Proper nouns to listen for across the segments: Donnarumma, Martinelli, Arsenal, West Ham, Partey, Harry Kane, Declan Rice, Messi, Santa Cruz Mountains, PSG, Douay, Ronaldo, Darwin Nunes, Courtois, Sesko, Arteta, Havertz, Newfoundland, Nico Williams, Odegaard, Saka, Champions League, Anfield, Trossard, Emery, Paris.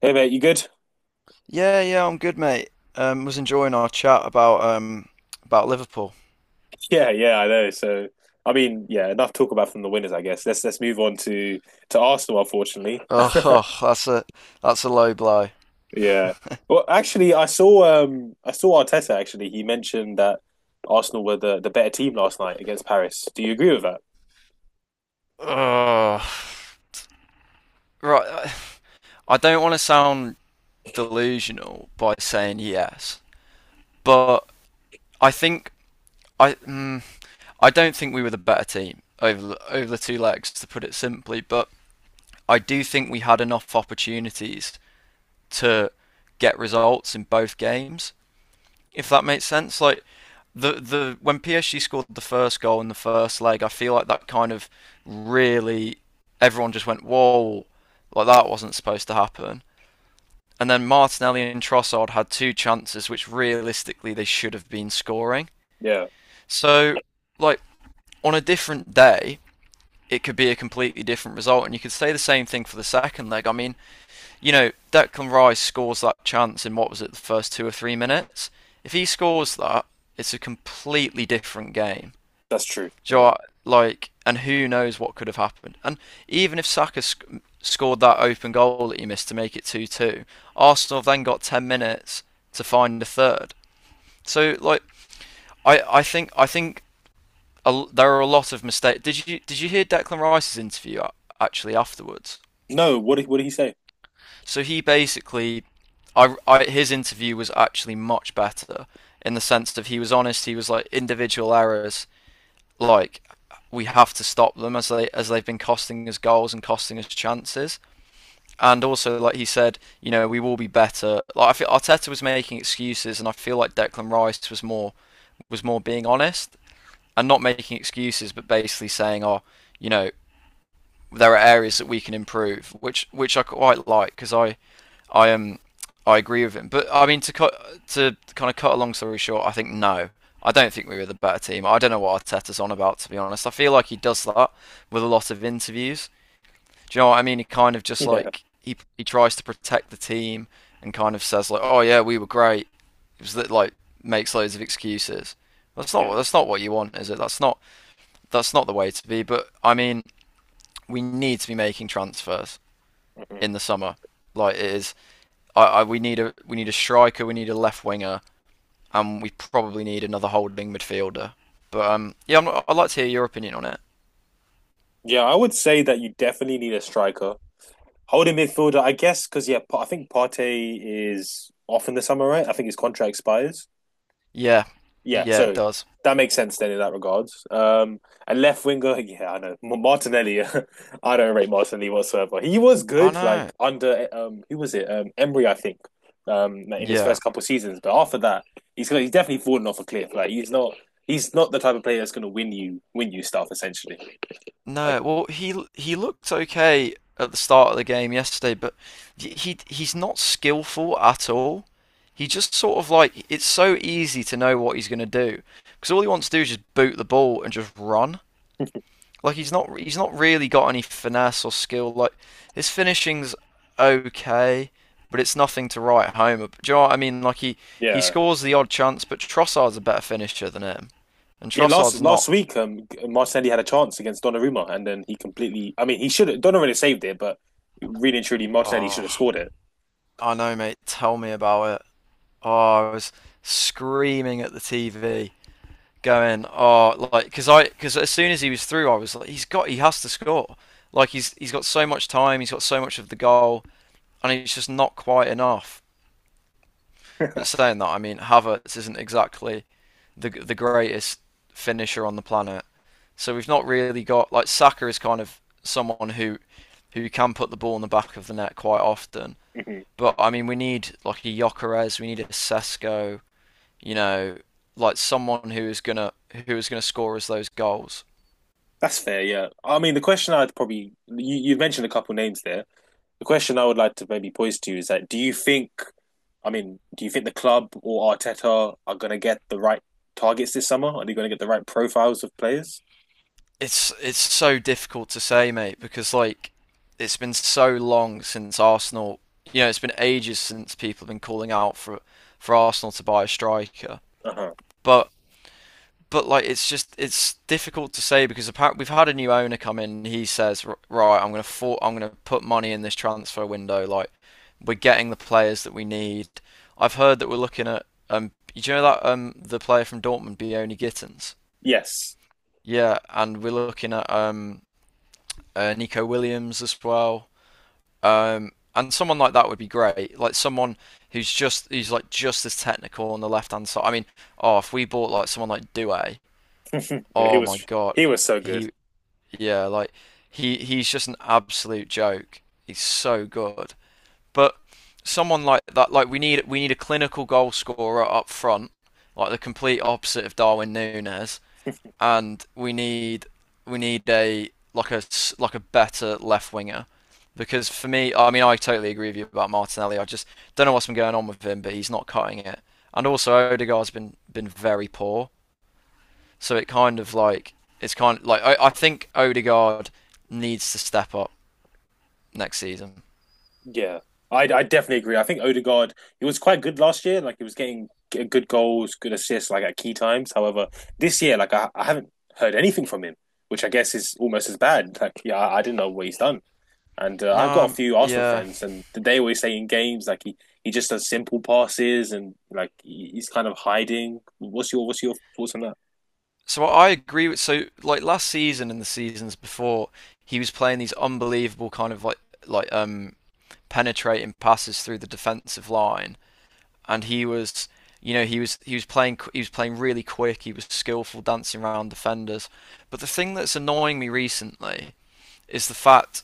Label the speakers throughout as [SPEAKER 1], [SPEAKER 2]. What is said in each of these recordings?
[SPEAKER 1] Hey mate, you good?
[SPEAKER 2] Yeah, yeah, I'm good, mate. Was enjoying our chat about Liverpool.
[SPEAKER 1] Yeah, yeah, I know. Enough talk about from the winners, I guess. Let's move on to Arsenal, unfortunately.
[SPEAKER 2] Oh, oh, that's a that's a low blow.
[SPEAKER 1] Yeah. Well, actually, I saw Arteta actually. He mentioned that Arsenal were the better team last night against Paris. Do you agree with that?
[SPEAKER 2] Oh, right. I don't want to sound delusional by saying yes, but I think I mm, I don't think we were the better team over the two legs, to put it simply. But I do think we had enough opportunities to get results in both games, if that makes sense. Like the when PSG scored the first goal in the first leg, I feel like that kind of really everyone just went whoa, like that wasn't supposed to happen. And then Martinelli and Trossard had two chances which realistically they should have been scoring.
[SPEAKER 1] Yeah,
[SPEAKER 2] So, like, on a different day, it could be a completely different result. And you could say the same thing for the second leg. I mean, Declan Rice scores that chance in what was it, the first 2 or 3 minutes? If he scores that, it's a completely different game.
[SPEAKER 1] that's true.
[SPEAKER 2] Do you know
[SPEAKER 1] Yeah.
[SPEAKER 2] what? Like, and who knows what could have happened? And even if scored that open goal that he missed to make it two-two, Arsenal have then got 10 minutes to find a third. So, like, I think there are a lot of mistakes. Did you hear Declan Rice's interview actually afterwards?
[SPEAKER 1] No, what did he say?
[SPEAKER 2] So he basically, I his interview was actually much better in the sense that he was honest. He was like individual errors, like we have to stop them, as they've been costing us goals and costing us chances. And also, like he said, you know, we will be better. Like I feel Arteta was making excuses, and I feel like Declan Rice was more being honest and not making excuses, but basically saying, "Oh, you know, there are areas that we can improve," which I quite like because I am I agree with him. But I mean to cut to kind of cut a long story short, I think no, I don't think we were the better team. I don't know what Arteta's on about, to be honest. I feel like he does that with a lot of interviews. Do you know what I mean? He kind of just
[SPEAKER 1] Yeah,
[SPEAKER 2] like he tries to protect the team and kind of says like, oh yeah, we were great. It was that like makes loads of excuses. That's not
[SPEAKER 1] yeah,
[SPEAKER 2] that's not what you want, is it? That's not the way to be. But I mean, we need to be making transfers
[SPEAKER 1] hmm
[SPEAKER 2] in the summer. Like it is, I we need a striker, we need a left winger, and we probably need another holding midfielder. But yeah, I'm not, I'd like to hear your opinion on it.
[SPEAKER 1] yeah. I would say that you definitely need a striker, holding midfielder, I guess, because yeah, I think Partey is off in the summer, right? I think his contract expires.
[SPEAKER 2] Yeah,
[SPEAKER 1] Yeah,
[SPEAKER 2] yeah, it
[SPEAKER 1] so
[SPEAKER 2] does.
[SPEAKER 1] that makes sense then in that regards. And left winger, yeah, Martinelli. I don't rate Martinelli whatsoever. He was
[SPEAKER 2] I
[SPEAKER 1] good,
[SPEAKER 2] know.
[SPEAKER 1] like under who was it? Emery, I think. In his
[SPEAKER 2] Yeah,
[SPEAKER 1] first couple of seasons, but after that, he's definitely fallen off a cliff. Like he's not the type of player that's gonna win you stuff essentially. Like
[SPEAKER 2] no. Well, he looked okay at the start of the game yesterday, but he's not skillful at all. He just sort of like it's so easy to know what he's going to do because all he wants to do is just boot the ball and just run. Like he's not really got any finesse or skill. Like his finishing's okay, but it's nothing to write Do you know what I mean? Like he
[SPEAKER 1] yeah.
[SPEAKER 2] scores the odd chance, but Trossard's a better finisher than him, and
[SPEAKER 1] Yeah, last
[SPEAKER 2] Trossard's not.
[SPEAKER 1] last week, Martinelli had a chance against Donnarumma, and then he completely. I mean, he should have. Donnarumma really saved it, but really and truly, Martinelli should
[SPEAKER 2] Oh,
[SPEAKER 1] have scored it.
[SPEAKER 2] I know, mate. Tell me about it. Oh, I was screaming at the TV, going, oh, like because as soon as he was through, I was like, he has to score. Like he's got so much time, he's got so much of the goal, and it's just not quite enough. But saying that, I mean, Havertz isn't exactly the greatest finisher on the planet. So we've not really got like Saka is kind of someone who can put the ball in the back of the net quite often.
[SPEAKER 1] Hmm.
[SPEAKER 2] But I mean, we need like a Jokeres, we need a Sesko, you know, like someone who is gonna score us those goals.
[SPEAKER 1] That's fair, yeah. I mean, the question I'd probably. You mentioned a couple names there. The question I would like to maybe pose to you is that do you think. I mean, do you think the club or Arteta are going to get the right targets this summer? Are they going to get the right profiles of players?
[SPEAKER 2] It's so difficult to say, mate, because like it's been so long since Arsenal. You know, it's been ages since people have been calling out for Arsenal to buy a striker.
[SPEAKER 1] Uh huh.
[SPEAKER 2] But like it's just it's difficult to say because apparently we've had a new owner come in. And he says, right, I'm gonna put money in this transfer window. Like we're getting the players that we need. I've heard that we're looking at do you know that the player from Dortmund, Bioni Gittens?
[SPEAKER 1] Yes.
[SPEAKER 2] Yeah, and we're looking at Nico Williams as well. And someone like that would be great. Like someone who's just who's like just as technical on the left hand side. I mean, oh, if we bought like someone like Douay,
[SPEAKER 1] Yeah, he
[SPEAKER 2] oh my
[SPEAKER 1] was. He
[SPEAKER 2] god,
[SPEAKER 1] was so good.
[SPEAKER 2] he yeah, like he's just an absolute joke. He's so good. But someone like that, like we need a clinical goal scorer up front, like the complete opposite of Darwin Nunes, and we need a like a better left winger because for me, I mean, I totally agree with you about Martinelli. I just don't know what's been going on with him, but he's not cutting it. And also, Odegaard's been very poor, so it's kind of like I think Odegaard needs to step up next season.
[SPEAKER 1] Yeah, I definitely agree. I think Odegaard he was quite good last year. Like he was getting good goals, good assists, like at key times. However, this year, like I haven't heard anything from him, which I guess is almost as bad. Like yeah, I didn't know what he's done. And
[SPEAKER 2] No,
[SPEAKER 1] I've got a few Arsenal
[SPEAKER 2] yeah.
[SPEAKER 1] friends, and they always say in games he just does simple passes and he's kind of hiding. What's your thoughts on that?
[SPEAKER 2] So I agree with so like last season and the seasons before, he was playing these unbelievable kind of like penetrating passes through the defensive line, and he was, you know, he was playing really quick. He was skillful dancing around defenders. But the thing that's annoying me recently is the fact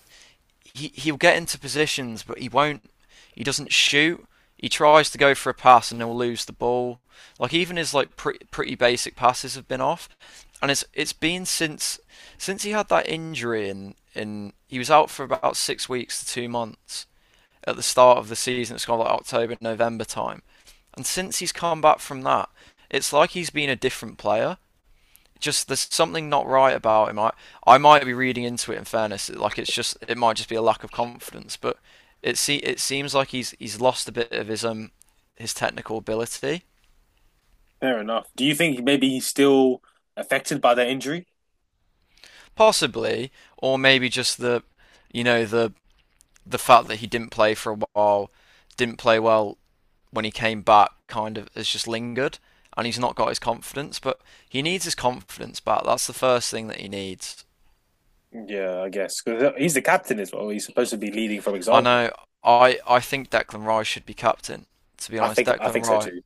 [SPEAKER 2] he'll get into positions, but he won't. He doesn't shoot. He tries to go for a pass and he'll lose the ball. Like even his like pretty basic passes have been off, and it's been since he had that injury in he was out for about 6 weeks to 2 months at the start of the season. It's kind of like October, November time. And since he's come back from that, it's like he's been a different player. Just there's something not right about him. I might be reading into it. In fairness, like it's just it might just be a lack of confidence. But it seems like he's lost a bit of his technical ability,
[SPEAKER 1] Fair enough. Do you think maybe he's still affected by that injury?
[SPEAKER 2] possibly, or maybe just the you know the fact that he didn't play for a while, didn't play well when he came back kind of has just lingered and he's not got his confidence. But he needs his confidence back. That's the first thing that he needs.
[SPEAKER 1] Yeah, I guess because he's the captain as well. He's supposed to be leading from
[SPEAKER 2] I
[SPEAKER 1] example.
[SPEAKER 2] know. I think Declan Rice should be captain. To be
[SPEAKER 1] I
[SPEAKER 2] honest,
[SPEAKER 1] think I
[SPEAKER 2] Declan
[SPEAKER 1] think so
[SPEAKER 2] Rice.
[SPEAKER 1] too.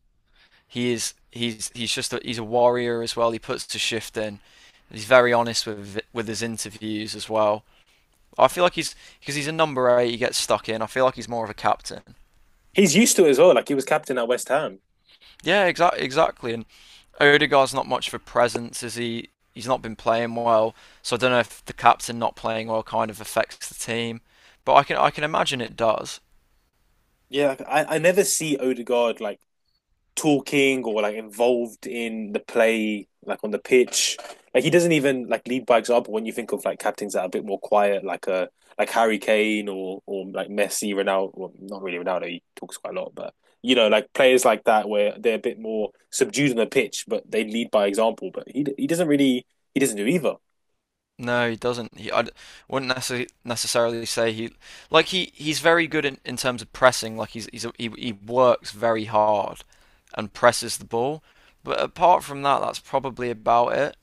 [SPEAKER 2] He is. He's just he's a warrior as well. He puts the shift in. He's very honest with his interviews as well. I feel like he's because he's a number eight. He gets stuck in. I feel like he's more of a captain.
[SPEAKER 1] He's used to it as well. Like he was captain at West Ham.
[SPEAKER 2] Yeah, exactly, exactly. And Odegaard's not much for presence, is he? He's not been playing well, so I don't know if the captain not playing well kind of affects the team. But I can imagine it does.
[SPEAKER 1] Yeah, like, I never see Odegaard like talking or like involved in the play, like on the pitch. Like he doesn't even like lead by example when you think of like captains that are a bit more quiet, like a like Harry Kane or like Messi, Ronaldo. Well, not really Ronaldo. He talks quite a lot, but you know, like players like that where they're a bit more subdued on the pitch, but they lead by example. But he doesn't do either.
[SPEAKER 2] No, he doesn't. Wouldn't necessarily say he's very good in terms of pressing. Like he works very hard and presses the ball. But apart from that, that's probably about it.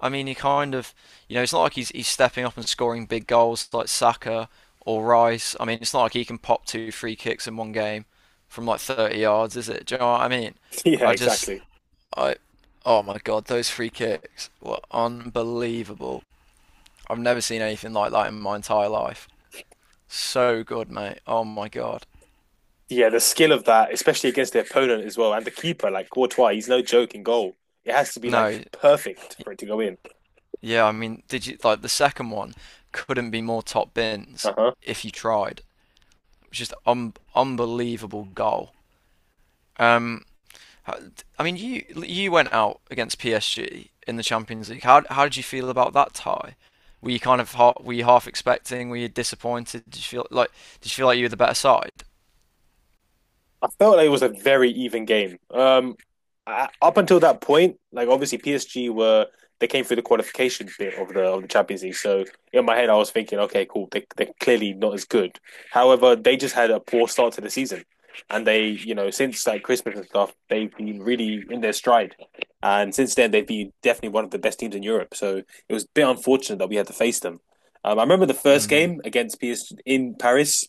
[SPEAKER 2] I mean, he kind of, you know, it's not like he's stepping up and scoring big goals like Saka or Rice. I mean, it's not like he can pop two free kicks in one game from like 30 yards, is it? Do you know what I mean?
[SPEAKER 1] Yeah,
[SPEAKER 2] I just,
[SPEAKER 1] exactly.
[SPEAKER 2] I, oh my God, those free kicks were unbelievable. I've never seen anything like that in my entire life. So good, mate. Oh my God.
[SPEAKER 1] Yeah, the skill of that, especially against the opponent as well, and the keeper, like Courtois, he's no joke in goal. It has to be like
[SPEAKER 2] No,
[SPEAKER 1] perfect for it to go in.
[SPEAKER 2] yeah, I mean, did you like the second one? Couldn't be more top bins
[SPEAKER 1] Uh huh.
[SPEAKER 2] if you tried. It was just un unbelievable goal. Um, I mean, you went out against PSG in the Champions League. How did you feel about that tie? Were you kind of were you half expecting? Were you disappointed? Did you feel like you were the better side?
[SPEAKER 1] I felt like it was a very even game. Up until that point, like obviously PSG were they came through the qualification bit of the Champions League. So in my head, I was thinking, okay, cool, they're clearly not as good. However, they just had a poor start to the season, and they, you know, since like Christmas and stuff, they've been really in their stride. And since then, they've been definitely one of the best teams in Europe. So it was a bit unfortunate that we had to face them. I remember the first
[SPEAKER 2] Mm.
[SPEAKER 1] game against PSG in Paris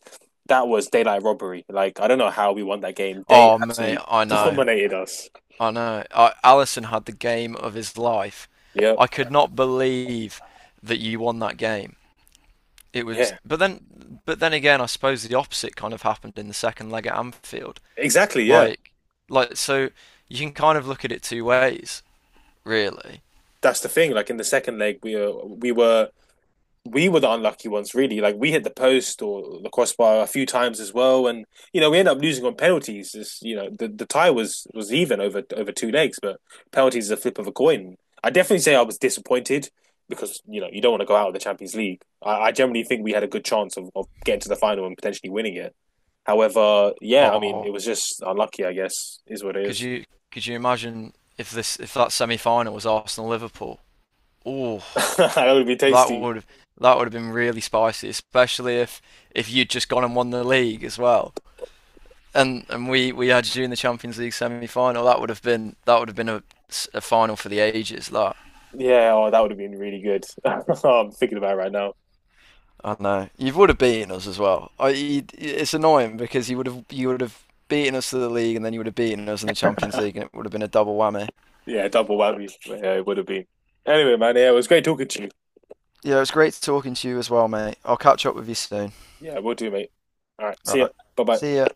[SPEAKER 1] that was daylight robbery. Like I don't know how we won that game. They
[SPEAKER 2] Oh mate,
[SPEAKER 1] absolutely
[SPEAKER 2] I know,
[SPEAKER 1] dominated us.
[SPEAKER 2] I know. Allison had the game of his life.
[SPEAKER 1] Yep.
[SPEAKER 2] I could not believe that you won that game. It was,
[SPEAKER 1] Yeah.
[SPEAKER 2] but then, again, I suppose the opposite kind of happened in the second leg at Anfield.
[SPEAKER 1] Exactly. Yeah.
[SPEAKER 2] Like, like so, you can kind of look at it two ways. Really.
[SPEAKER 1] That's the thing. Like in the second leg, we were the unlucky ones, really. Like we hit the post or the crossbar a few times as well, and you know we ended up losing on penalties. It's, you know the tie was even over over two legs, but penalties is a flip of a coin. I definitely say I was disappointed because you know you don't want to go out of the Champions League. I generally think we had a good chance of getting to the final and potentially winning it. However, yeah, I mean it
[SPEAKER 2] Or
[SPEAKER 1] was just unlucky. I guess is what it
[SPEAKER 2] could
[SPEAKER 1] is.
[SPEAKER 2] you could you imagine if this if that semi final was Arsenal Liverpool? Oh,
[SPEAKER 1] That would be
[SPEAKER 2] that
[SPEAKER 1] tasty.
[SPEAKER 2] would have that would have been really spicy, especially if you'd just gone and won the league as well. And we had you in the Champions League semi final. That would have been a final for the ages. That
[SPEAKER 1] Yeah, oh, that would have been really good. I'm thinking about it right now.
[SPEAKER 2] I know you would have beaten us as well. It's annoying because you would have beaten us to the league and then you would have beaten us in the Champions League and it would have been a double whammy.
[SPEAKER 1] Yeah, double whammy. Yeah, it would have been. Anyway, man, yeah, it was great talking to you.
[SPEAKER 2] Yeah, it was great talking to you as well, mate. I'll catch up with you soon.
[SPEAKER 1] Yeah, we'll do, mate. All right,
[SPEAKER 2] All
[SPEAKER 1] see ya.
[SPEAKER 2] right.
[SPEAKER 1] Bye
[SPEAKER 2] See
[SPEAKER 1] bye.
[SPEAKER 2] ya.